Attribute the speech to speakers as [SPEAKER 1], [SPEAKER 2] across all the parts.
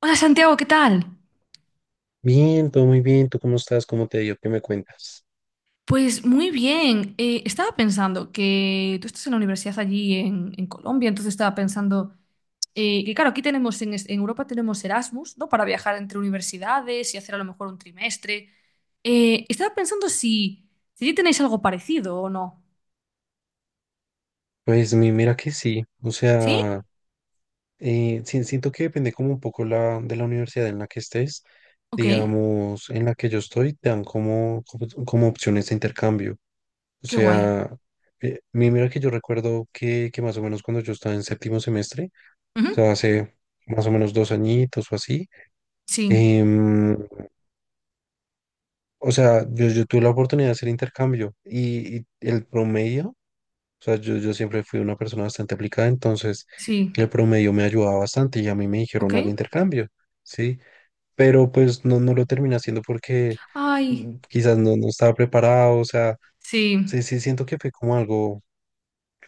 [SPEAKER 1] Hola Santiago, ¿qué tal?
[SPEAKER 2] Bien, todo muy bien. ¿Tú cómo estás? ¿Cómo te ha ido? ¿Qué me cuentas?
[SPEAKER 1] Pues muy bien. Estaba pensando que tú estás en la universidad allí en Colombia, entonces estaba pensando que claro, aquí tenemos en Europa tenemos Erasmus, ¿no? Para viajar entre universidades y hacer a lo mejor un trimestre. Estaba pensando si allí tenéis algo parecido o no.
[SPEAKER 2] Pues mira que sí. O
[SPEAKER 1] ¿Sí?
[SPEAKER 2] sea, siento que depende como un poco de la universidad en la que estés.
[SPEAKER 1] Ok,
[SPEAKER 2] Digamos, en la que yo estoy, te dan como opciones de intercambio. O
[SPEAKER 1] qué guay.
[SPEAKER 2] sea, mira que yo recuerdo que más o menos cuando yo estaba en séptimo semestre,
[SPEAKER 1] Ujú.
[SPEAKER 2] o sea, hace más o menos dos añitos o así,
[SPEAKER 1] Sí,
[SPEAKER 2] em, o sea, yo tuve la oportunidad de hacer intercambio y el promedio. O sea, yo siempre fui una persona bastante aplicada, entonces
[SPEAKER 1] sí,
[SPEAKER 2] el promedio me ayudaba bastante y a mí me
[SPEAKER 1] ok.
[SPEAKER 2] dijeron al intercambio, ¿sí? Pero pues no lo terminé haciendo porque
[SPEAKER 1] Ay,
[SPEAKER 2] quizás no estaba preparado, o sea,
[SPEAKER 1] sí.
[SPEAKER 2] sí, sí siento que fue como algo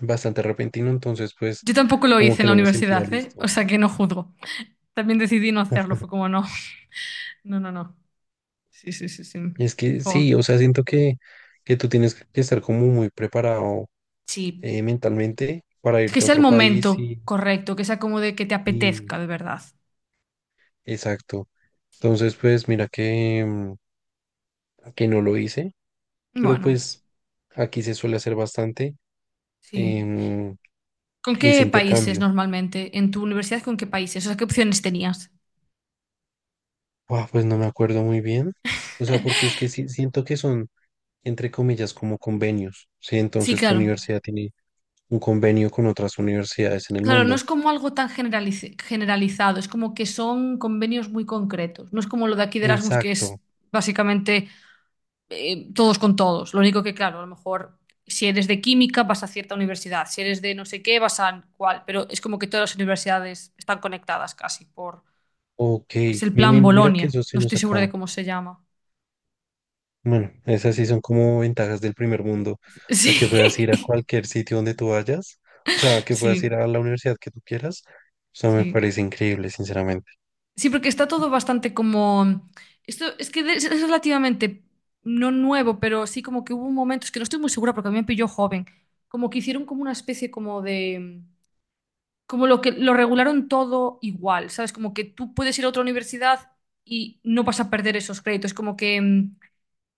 [SPEAKER 2] bastante repentino, entonces pues
[SPEAKER 1] Yo tampoco lo
[SPEAKER 2] como
[SPEAKER 1] hice en
[SPEAKER 2] que
[SPEAKER 1] la
[SPEAKER 2] no me sentía
[SPEAKER 1] universidad, ¿eh? O
[SPEAKER 2] listo.
[SPEAKER 1] sea que no juzgo. También decidí no hacerlo, fue como no. No, no, no. Sí, sí, sí, sí.
[SPEAKER 2] Y es que sí,
[SPEAKER 1] Jo,
[SPEAKER 2] o sea, siento que tú tienes que estar como muy preparado
[SPEAKER 1] sí.
[SPEAKER 2] mentalmente para
[SPEAKER 1] Que
[SPEAKER 2] irte a
[SPEAKER 1] sea el
[SPEAKER 2] otro país
[SPEAKER 1] momento correcto, que sea como de que te
[SPEAKER 2] y
[SPEAKER 1] apetezca de verdad.
[SPEAKER 2] exacto.
[SPEAKER 1] Sí.
[SPEAKER 2] Entonces pues mira que, que no lo hice. Pero
[SPEAKER 1] Bueno,
[SPEAKER 2] pues aquí se suele hacer bastante
[SPEAKER 1] sí.
[SPEAKER 2] em,
[SPEAKER 1] ¿Con qué
[SPEAKER 2] ese
[SPEAKER 1] países
[SPEAKER 2] intercambio.
[SPEAKER 1] normalmente? ¿En tu universidad con qué países? O sea, ¿qué opciones tenías?
[SPEAKER 2] Buah, pues no me acuerdo muy bien. O sea, porque es que sí, siento que son, entre comillas, como convenios. Sí,
[SPEAKER 1] Sí,
[SPEAKER 2] entonces tu
[SPEAKER 1] claro.
[SPEAKER 2] universidad tiene un convenio con otras universidades en el
[SPEAKER 1] Claro, no
[SPEAKER 2] mundo.
[SPEAKER 1] es como algo tan generalizado, es como que son convenios muy concretos. No es como lo de aquí de Erasmus, que
[SPEAKER 2] Exacto.
[SPEAKER 1] es básicamente todos con todos. Lo único que, claro, a lo mejor si eres de química vas a cierta universidad, si eres de no sé qué vas a cuál, pero es como que todas las universidades están conectadas casi por...
[SPEAKER 2] Ok.
[SPEAKER 1] Es el plan
[SPEAKER 2] Mira que
[SPEAKER 1] Bolonia,
[SPEAKER 2] yo sí
[SPEAKER 1] no
[SPEAKER 2] nos
[SPEAKER 1] estoy segura de
[SPEAKER 2] acá.
[SPEAKER 1] cómo se llama.
[SPEAKER 2] Bueno, esas sí son como ventajas del primer mundo. O
[SPEAKER 1] Sí,
[SPEAKER 2] sea, que puedas ir a cualquier sitio donde tú vayas. O sea, que puedas ir
[SPEAKER 1] sí,
[SPEAKER 2] a la universidad que tú quieras. O sea, me
[SPEAKER 1] sí.
[SPEAKER 2] parece increíble, sinceramente.
[SPEAKER 1] Sí, porque está todo bastante como... Esto es que es relativamente, no nuevo, pero sí como que hubo un momento, es que no estoy muy segura porque a mí me pilló joven, como que hicieron como una especie como de como lo que lo regularon todo igual, ¿sabes? Como que tú puedes ir a otra universidad y no vas a perder esos créditos, como que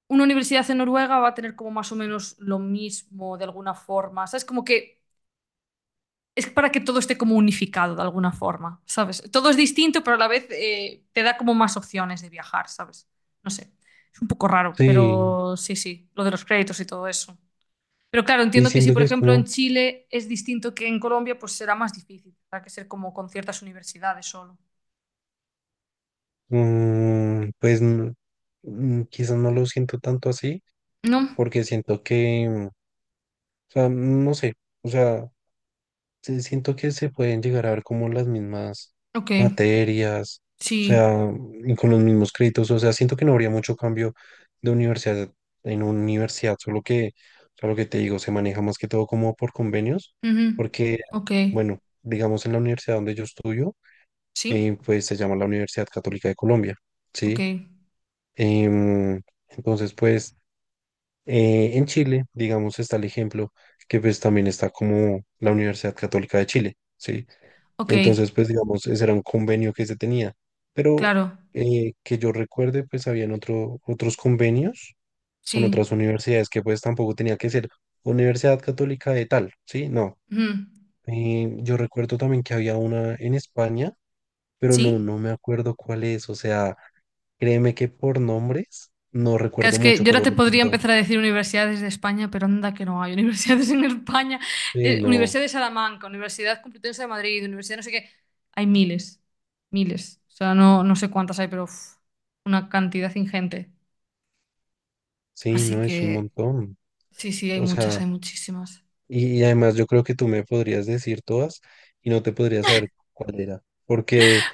[SPEAKER 1] una universidad en Noruega va a tener como más o menos lo mismo de alguna forma, ¿sabes? Como que es para que todo esté como unificado de alguna forma, ¿sabes? Todo es distinto, pero a la vez te da como más opciones de viajar, ¿sabes? No sé, es un poco raro,
[SPEAKER 2] Sí.
[SPEAKER 1] pero sí, sí, lo de los créditos y todo eso. Pero claro,
[SPEAKER 2] Y
[SPEAKER 1] entiendo que si,
[SPEAKER 2] siento
[SPEAKER 1] por
[SPEAKER 2] que es
[SPEAKER 1] ejemplo, en
[SPEAKER 2] como,
[SPEAKER 1] Chile es distinto que en Colombia, pues será más difícil. Tendrá que ser como con ciertas universidades solo.
[SPEAKER 2] mm, pues mm, quizás no lo siento tanto así,
[SPEAKER 1] ¿No?
[SPEAKER 2] porque siento que, o sea, no sé, o sea, sí siento que se pueden llegar a ver como las mismas
[SPEAKER 1] Ok.
[SPEAKER 2] materias, o
[SPEAKER 1] Sí.
[SPEAKER 2] sea, y con los mismos créditos, o sea, siento que no habría mucho cambio de universidad en universidad, solo que, o sea, lo que te digo, se maneja más que todo como por convenios,
[SPEAKER 1] Ujú.
[SPEAKER 2] porque,
[SPEAKER 1] Ok.
[SPEAKER 2] bueno, digamos en la universidad donde yo estudio,
[SPEAKER 1] ¿Sí?
[SPEAKER 2] pues se llama la Universidad Católica de Colombia,
[SPEAKER 1] Ok.
[SPEAKER 2] ¿sí? Em, entonces, pues, en Chile, digamos, está el ejemplo que pues también está como la Universidad Católica de Chile, ¿sí?
[SPEAKER 1] Ok.
[SPEAKER 2] Entonces, pues, digamos, ese era un convenio que se tenía, pero
[SPEAKER 1] Claro.
[SPEAKER 2] que yo recuerde, pues, habían otros convenios con
[SPEAKER 1] Sí.
[SPEAKER 2] otras universidades que pues tampoco tenía que ser Universidad Católica de tal, ¿sí? No.
[SPEAKER 1] Ujú.
[SPEAKER 2] Yo recuerdo también que había una en España, pero
[SPEAKER 1] ¿Sí?
[SPEAKER 2] no me acuerdo cuál es, o sea, créeme que por nombres no
[SPEAKER 1] Claro, es
[SPEAKER 2] recuerdo
[SPEAKER 1] que yo
[SPEAKER 2] mucho,
[SPEAKER 1] ahora
[SPEAKER 2] pero
[SPEAKER 1] te podría
[SPEAKER 2] recuerdo.
[SPEAKER 1] empezar a decir universidades de España, pero anda que no hay universidades en España.
[SPEAKER 2] Sí, no,
[SPEAKER 1] Universidad de Salamanca, Universidad Complutense de Madrid, Universidad no sé qué. Hay miles, miles. O sea, no, no sé cuántas hay, pero uf, una cantidad ingente.
[SPEAKER 2] sí,
[SPEAKER 1] Así
[SPEAKER 2] no, es un
[SPEAKER 1] que
[SPEAKER 2] montón.
[SPEAKER 1] sí, sí, hay
[SPEAKER 2] O
[SPEAKER 1] muchas, hay
[SPEAKER 2] sea,
[SPEAKER 1] muchísimas.
[SPEAKER 2] y además yo creo que tú me podrías decir todas y no te podrías saber cuál era. Porque,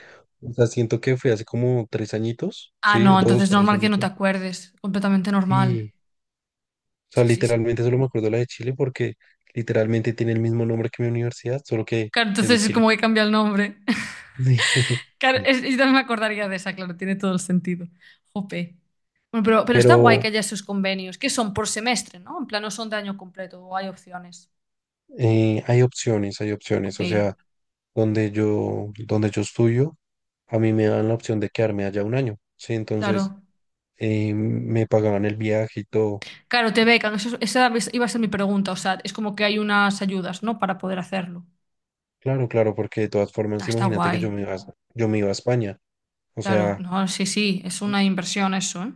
[SPEAKER 2] o sea, siento que fue hace como tres añitos,
[SPEAKER 1] Ah,
[SPEAKER 2] sí,
[SPEAKER 1] no,
[SPEAKER 2] dos,
[SPEAKER 1] entonces
[SPEAKER 2] tres
[SPEAKER 1] normal que no te
[SPEAKER 2] añitos.
[SPEAKER 1] acuerdes. Completamente normal.
[SPEAKER 2] Sí, o sea,
[SPEAKER 1] Sí, sí, sí. Sí.
[SPEAKER 2] literalmente solo
[SPEAKER 1] Sí.
[SPEAKER 2] me acuerdo de la de Chile porque literalmente tiene el mismo nombre que mi universidad, solo que
[SPEAKER 1] Claro,
[SPEAKER 2] es de
[SPEAKER 1] entonces es
[SPEAKER 2] Chile.
[SPEAKER 1] como que cambia el nombre. Claro,
[SPEAKER 2] Sí.
[SPEAKER 1] yo también me acordaría de esa, claro, tiene todo el sentido. Jope. Bueno, pero está guay que
[SPEAKER 2] Pero
[SPEAKER 1] haya esos convenios, que son por semestre, ¿no? En plan, no son de año completo, o hay opciones.
[SPEAKER 2] hay opciones, hay
[SPEAKER 1] Ok,
[SPEAKER 2] opciones. O sea, donde yo estudio, a mí me dan la opción de quedarme allá un año, ¿sí? Entonces,
[SPEAKER 1] claro.
[SPEAKER 2] me pagaban el viaje y todo.
[SPEAKER 1] Claro, te becan, esa iba a ser mi pregunta, o sea, es como que hay unas ayudas, ¿no? Para poder hacerlo.
[SPEAKER 2] Claro, claro, porque de todas
[SPEAKER 1] Ah,
[SPEAKER 2] formas,
[SPEAKER 1] está
[SPEAKER 2] imagínate que
[SPEAKER 1] guay.
[SPEAKER 2] yo me iba a España. O
[SPEAKER 1] Claro,
[SPEAKER 2] sea,
[SPEAKER 1] no, sí, sí, es
[SPEAKER 2] y-
[SPEAKER 1] una inversión eso, ¿eh?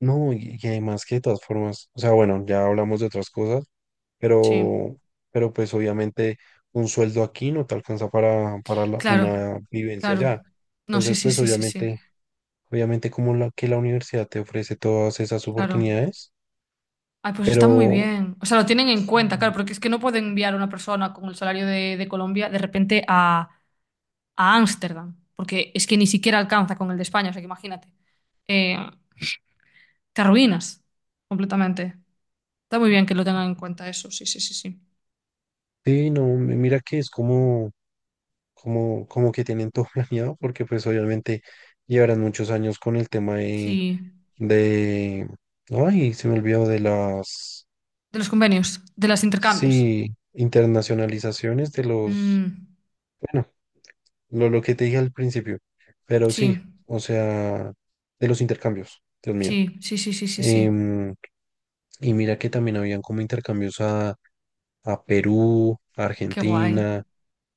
[SPEAKER 2] no, y además que de todas formas, o sea, bueno, ya hablamos de otras cosas,
[SPEAKER 1] Sí,
[SPEAKER 2] pero, pero pues obviamente un sueldo aquí no te alcanza para la-
[SPEAKER 1] claro,
[SPEAKER 2] una vivencia
[SPEAKER 1] claro.
[SPEAKER 2] allá.
[SPEAKER 1] No, sí,
[SPEAKER 2] Entonces,
[SPEAKER 1] sí,
[SPEAKER 2] pues
[SPEAKER 1] sí, sí, sí,
[SPEAKER 2] obviamente, obviamente como la, que la universidad te ofrece todas esas
[SPEAKER 1] claro.
[SPEAKER 2] oportunidades,
[SPEAKER 1] Ay, pues está muy
[SPEAKER 2] pero
[SPEAKER 1] bien. O sea, lo tienen en
[SPEAKER 2] sí.
[SPEAKER 1] cuenta, claro, porque es que no pueden enviar a una persona con el salario de Colombia de repente a Ámsterdam, porque es que ni siquiera alcanza con el de España, o sea que imagínate. Eh, Te arruinas completamente. Está muy bien que lo tengan en cuenta eso, sí, sí, sí, sí.
[SPEAKER 2] Sí, no, mira que es como que tienen todo planeado, porque pues obviamente llevarán muchos años con el tema
[SPEAKER 1] Sí,
[SPEAKER 2] de, ay, se me olvidó de las,
[SPEAKER 1] de los convenios, de los intercambios.
[SPEAKER 2] sí, internacionalizaciones de los,
[SPEAKER 1] Mm,
[SPEAKER 2] bueno, lo que te dije al principio, pero
[SPEAKER 1] sí,
[SPEAKER 2] sí, o sea, de los intercambios, Dios mío.
[SPEAKER 1] sí, sí, sí, sí, sí, sí.
[SPEAKER 2] Em, y mira que también habían como intercambios a Perú, a
[SPEAKER 1] Qué guay,
[SPEAKER 2] Argentina.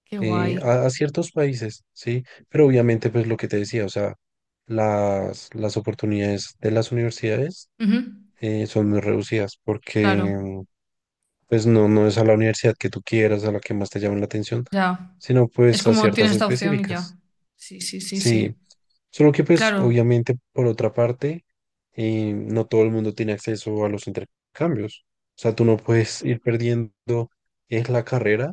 [SPEAKER 1] qué guay.
[SPEAKER 2] A ciertos países, ¿sí? Pero obviamente, pues lo que te decía, o sea, las oportunidades de las universidades
[SPEAKER 1] Ujú,
[SPEAKER 2] son muy reducidas
[SPEAKER 1] claro,
[SPEAKER 2] porque, pues no es a la universidad que tú quieras, a la que más te llame la atención,
[SPEAKER 1] ya.
[SPEAKER 2] sino
[SPEAKER 1] Es
[SPEAKER 2] pues a
[SPEAKER 1] como
[SPEAKER 2] ciertas
[SPEAKER 1] tienes esta opción y
[SPEAKER 2] específicas.
[SPEAKER 1] ya. Sí, sí, sí,
[SPEAKER 2] Sí,
[SPEAKER 1] sí.
[SPEAKER 2] solo que pues
[SPEAKER 1] Claro.
[SPEAKER 2] obviamente por otra parte, no todo el mundo tiene acceso a los intercambios. O sea, tú no puedes ir perdiendo es la carrera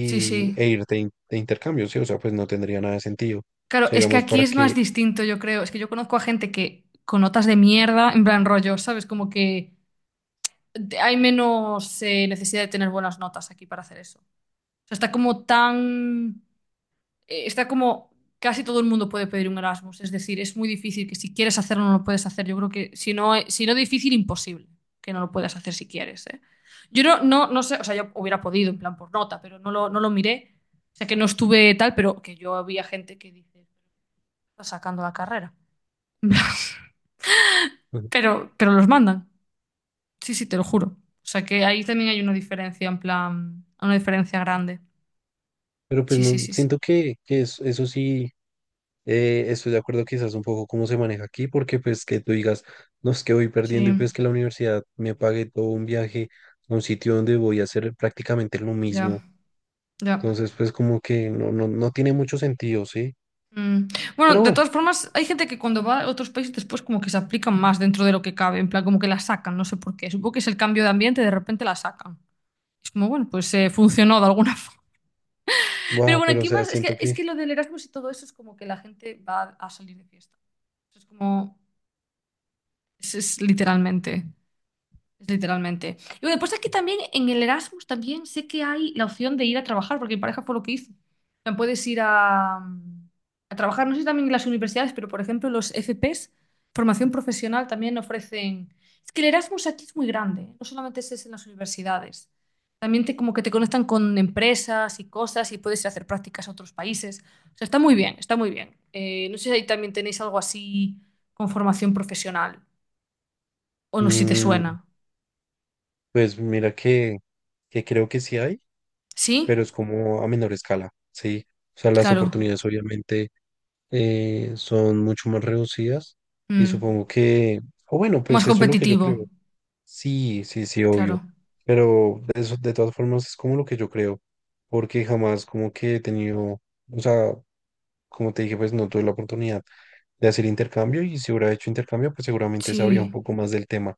[SPEAKER 1] Sí, sí.
[SPEAKER 2] de intercambio, ¿sí? O sea, pues no tendría nada de sentido. O
[SPEAKER 1] Claro,
[SPEAKER 2] sea,
[SPEAKER 1] es que
[SPEAKER 2] digamos,
[SPEAKER 1] aquí
[SPEAKER 2] para
[SPEAKER 1] es más
[SPEAKER 2] que...
[SPEAKER 1] distinto, yo creo. Es que yo conozco a gente que con notas de mierda, en plan rollo, ¿sabes? Como que hay menos necesidad de tener buenas notas aquí para hacer eso. O sea, está como tan... está como... Casi todo el mundo puede pedir un Erasmus. Es decir, es muy difícil que si quieres hacerlo no lo puedes hacer. Yo creo que si no, si no difícil, imposible que no lo puedas hacer si quieres, ¿eh? Yo no, no, no sé, o sea, yo hubiera podido en plan por nota, pero no lo miré. O sea, que no estuve tal, pero que yo había gente que dice... sacando la carrera.
[SPEAKER 2] Ujú.
[SPEAKER 1] Pero los mandan. Sí, sí, te lo juro. O sea que ahí también hay una diferencia, en plan, una diferencia grande.
[SPEAKER 2] Pero pues
[SPEAKER 1] Sí, sí,
[SPEAKER 2] no,
[SPEAKER 1] sí, sí.
[SPEAKER 2] siento que eso sí, estoy de acuerdo quizás un poco cómo se maneja aquí, porque pues que tú digas, no es que voy
[SPEAKER 1] Sí,
[SPEAKER 2] perdiendo y pues que la universidad me pague todo un viaje a un sitio donde voy a hacer prácticamente lo
[SPEAKER 1] ya,
[SPEAKER 2] mismo.
[SPEAKER 1] ya.
[SPEAKER 2] Entonces, pues como que no tiene mucho sentido, ¿sí?
[SPEAKER 1] Mm. Bueno,
[SPEAKER 2] Pero
[SPEAKER 1] de
[SPEAKER 2] bueno,
[SPEAKER 1] todas formas, hay gente que cuando va a otros países después como que se aplican más dentro de lo que cabe, en plan como que la sacan, no sé por qué. Supongo que es el cambio de ambiente, de repente la sacan. Es como, bueno, pues funcionó de alguna forma. Pero
[SPEAKER 2] wow,
[SPEAKER 1] bueno,
[SPEAKER 2] pero o
[SPEAKER 1] aquí
[SPEAKER 2] sea,
[SPEAKER 1] más,
[SPEAKER 2] siento
[SPEAKER 1] es
[SPEAKER 2] que,
[SPEAKER 1] que lo del Erasmus y todo eso es como que la gente va a salir de fiesta. Es como, es literalmente. Literalmente. Y bueno, después aquí también, en el Erasmus también sé que hay la opción de ir a trabajar, porque mi pareja fue lo que hizo. O sea, puedes ir a trabajar, no sé si también en las universidades, pero por ejemplo los FPs, formación profesional, también ofrecen... Es que el Erasmus aquí es muy grande, ¿eh? No solamente es en las universidades. También te, como que te conectan con empresas y cosas y puedes ir a hacer prácticas a otros países. O sea, está muy bien, está muy bien. No sé si ahí también tenéis algo así con formación profesional o no, si te
[SPEAKER 2] mm,
[SPEAKER 1] suena.
[SPEAKER 2] pues mira que creo que sí hay, pero
[SPEAKER 1] ¿Sí?
[SPEAKER 2] es como a menor escala, ¿sí? O sea, las
[SPEAKER 1] Claro.
[SPEAKER 2] oportunidades obviamente son mucho más reducidas y
[SPEAKER 1] Mm.
[SPEAKER 2] supongo que, o bueno,
[SPEAKER 1] Más
[SPEAKER 2] pues eso es lo que yo
[SPEAKER 1] competitivo.
[SPEAKER 2] creo. Sí, sí, sí, obvio.
[SPEAKER 1] Claro.
[SPEAKER 2] Pero de eso, de todas formas es como lo que yo creo, porque jamás como que he tenido, o sea, como te dije, pues no tuve la oportunidad de hacer intercambio y si hubiera hecho intercambio, pues seguramente sabría un
[SPEAKER 1] Sí.
[SPEAKER 2] poco más del tema.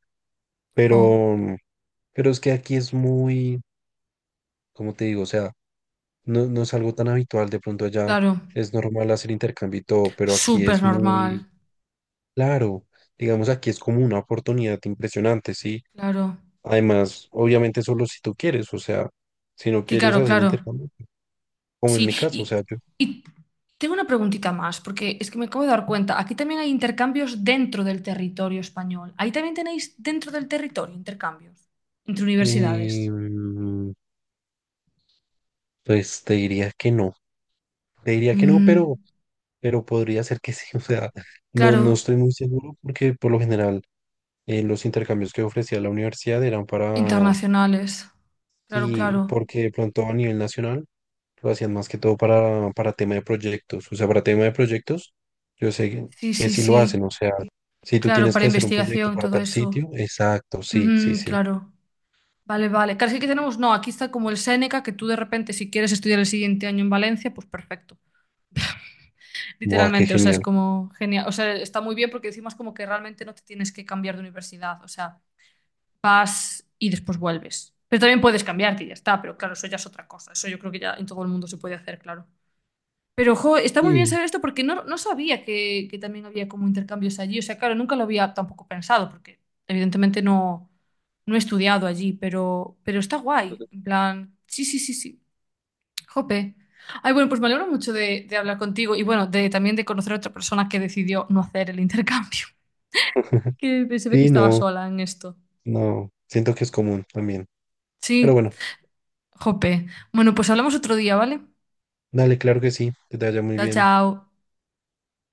[SPEAKER 1] Jo.
[SPEAKER 2] Pero, pero es que aquí es muy, como te digo? O sea, no es algo tan habitual, de pronto allá
[SPEAKER 1] Claro.
[SPEAKER 2] es normal hacer intercambio y todo, pero aquí
[SPEAKER 1] Súper
[SPEAKER 2] es
[SPEAKER 1] normal.
[SPEAKER 2] muy claro, digamos, aquí es como una oportunidad impresionante, ¿sí?
[SPEAKER 1] Claro.
[SPEAKER 2] Además, obviamente solo si tú quieres, o sea, si no
[SPEAKER 1] Sí,
[SPEAKER 2] quieres
[SPEAKER 1] claro,
[SPEAKER 2] hacer
[SPEAKER 1] claro.
[SPEAKER 2] intercambio, como
[SPEAKER 1] Sí.
[SPEAKER 2] en mi caso, o sea, yo,
[SPEAKER 1] Y tengo una preguntita más, porque es que me acabo de dar cuenta. Aquí también hay intercambios dentro del territorio español. Ahí también tenéis dentro del territorio intercambios entre
[SPEAKER 2] eh,
[SPEAKER 1] universidades.
[SPEAKER 2] mm, pues te diría que no, te diría que no,
[SPEAKER 1] Mm.
[SPEAKER 2] pero podría ser que sí, o sea, no
[SPEAKER 1] Claro.
[SPEAKER 2] estoy muy seguro porque por lo general los intercambios que ofrecía la universidad eran para,
[SPEAKER 1] Internacionales. Claro,
[SPEAKER 2] y
[SPEAKER 1] claro.
[SPEAKER 2] porque de pronto a nivel nacional lo hacían más que todo para tema de proyectos, o sea, para tema de proyectos, yo sé
[SPEAKER 1] Sí,
[SPEAKER 2] que
[SPEAKER 1] sí,
[SPEAKER 2] sí lo hacen,
[SPEAKER 1] sí.
[SPEAKER 2] o sea, si tú
[SPEAKER 1] Claro,
[SPEAKER 2] tienes
[SPEAKER 1] para
[SPEAKER 2] que hacer un proyecto
[SPEAKER 1] investigación,
[SPEAKER 2] para
[SPEAKER 1] todo
[SPEAKER 2] tal
[SPEAKER 1] eso.
[SPEAKER 2] sitio, exacto, sí, sí,
[SPEAKER 1] Ujú,
[SPEAKER 2] sí,
[SPEAKER 1] claro. Vale, vale. Claro, es que aquí tenemos, no, aquí está como el Séneca, que tú de repente, si quieres estudiar el siguiente año en Valencia, pues perfecto.
[SPEAKER 2] guau, qué
[SPEAKER 1] Literalmente, o sea, es
[SPEAKER 2] genial.
[SPEAKER 1] como genial. O sea, está muy bien porque decimos como que realmente no te tienes que cambiar de universidad. O sea, vas y después vuelves. Pero también puedes cambiarte y ya está, pero claro, eso ya es otra cosa. Eso yo creo que ya en todo el mundo se puede hacer, claro. Pero, jo, está muy bien
[SPEAKER 2] Sí.
[SPEAKER 1] saber esto porque no, no sabía que también había como intercambios allí. O sea, claro, nunca lo había tampoco pensado porque evidentemente no, no he estudiado allí, pero está guay. En plan, sí, sí, sí, sí. Jope. Ay, bueno, pues me alegro mucho de hablar contigo y bueno, de, también de conocer a otra persona que decidió no hacer el intercambio, que se ve que
[SPEAKER 2] Sí,
[SPEAKER 1] estaba
[SPEAKER 2] no,
[SPEAKER 1] sola en esto.
[SPEAKER 2] no, siento que es común también, pero
[SPEAKER 1] Sí,
[SPEAKER 2] bueno,
[SPEAKER 1] jope. Bueno, pues hablamos otro día, ¿vale?
[SPEAKER 2] dale, claro que sí, que te vaya muy
[SPEAKER 1] Chao,
[SPEAKER 2] bien.
[SPEAKER 1] chao.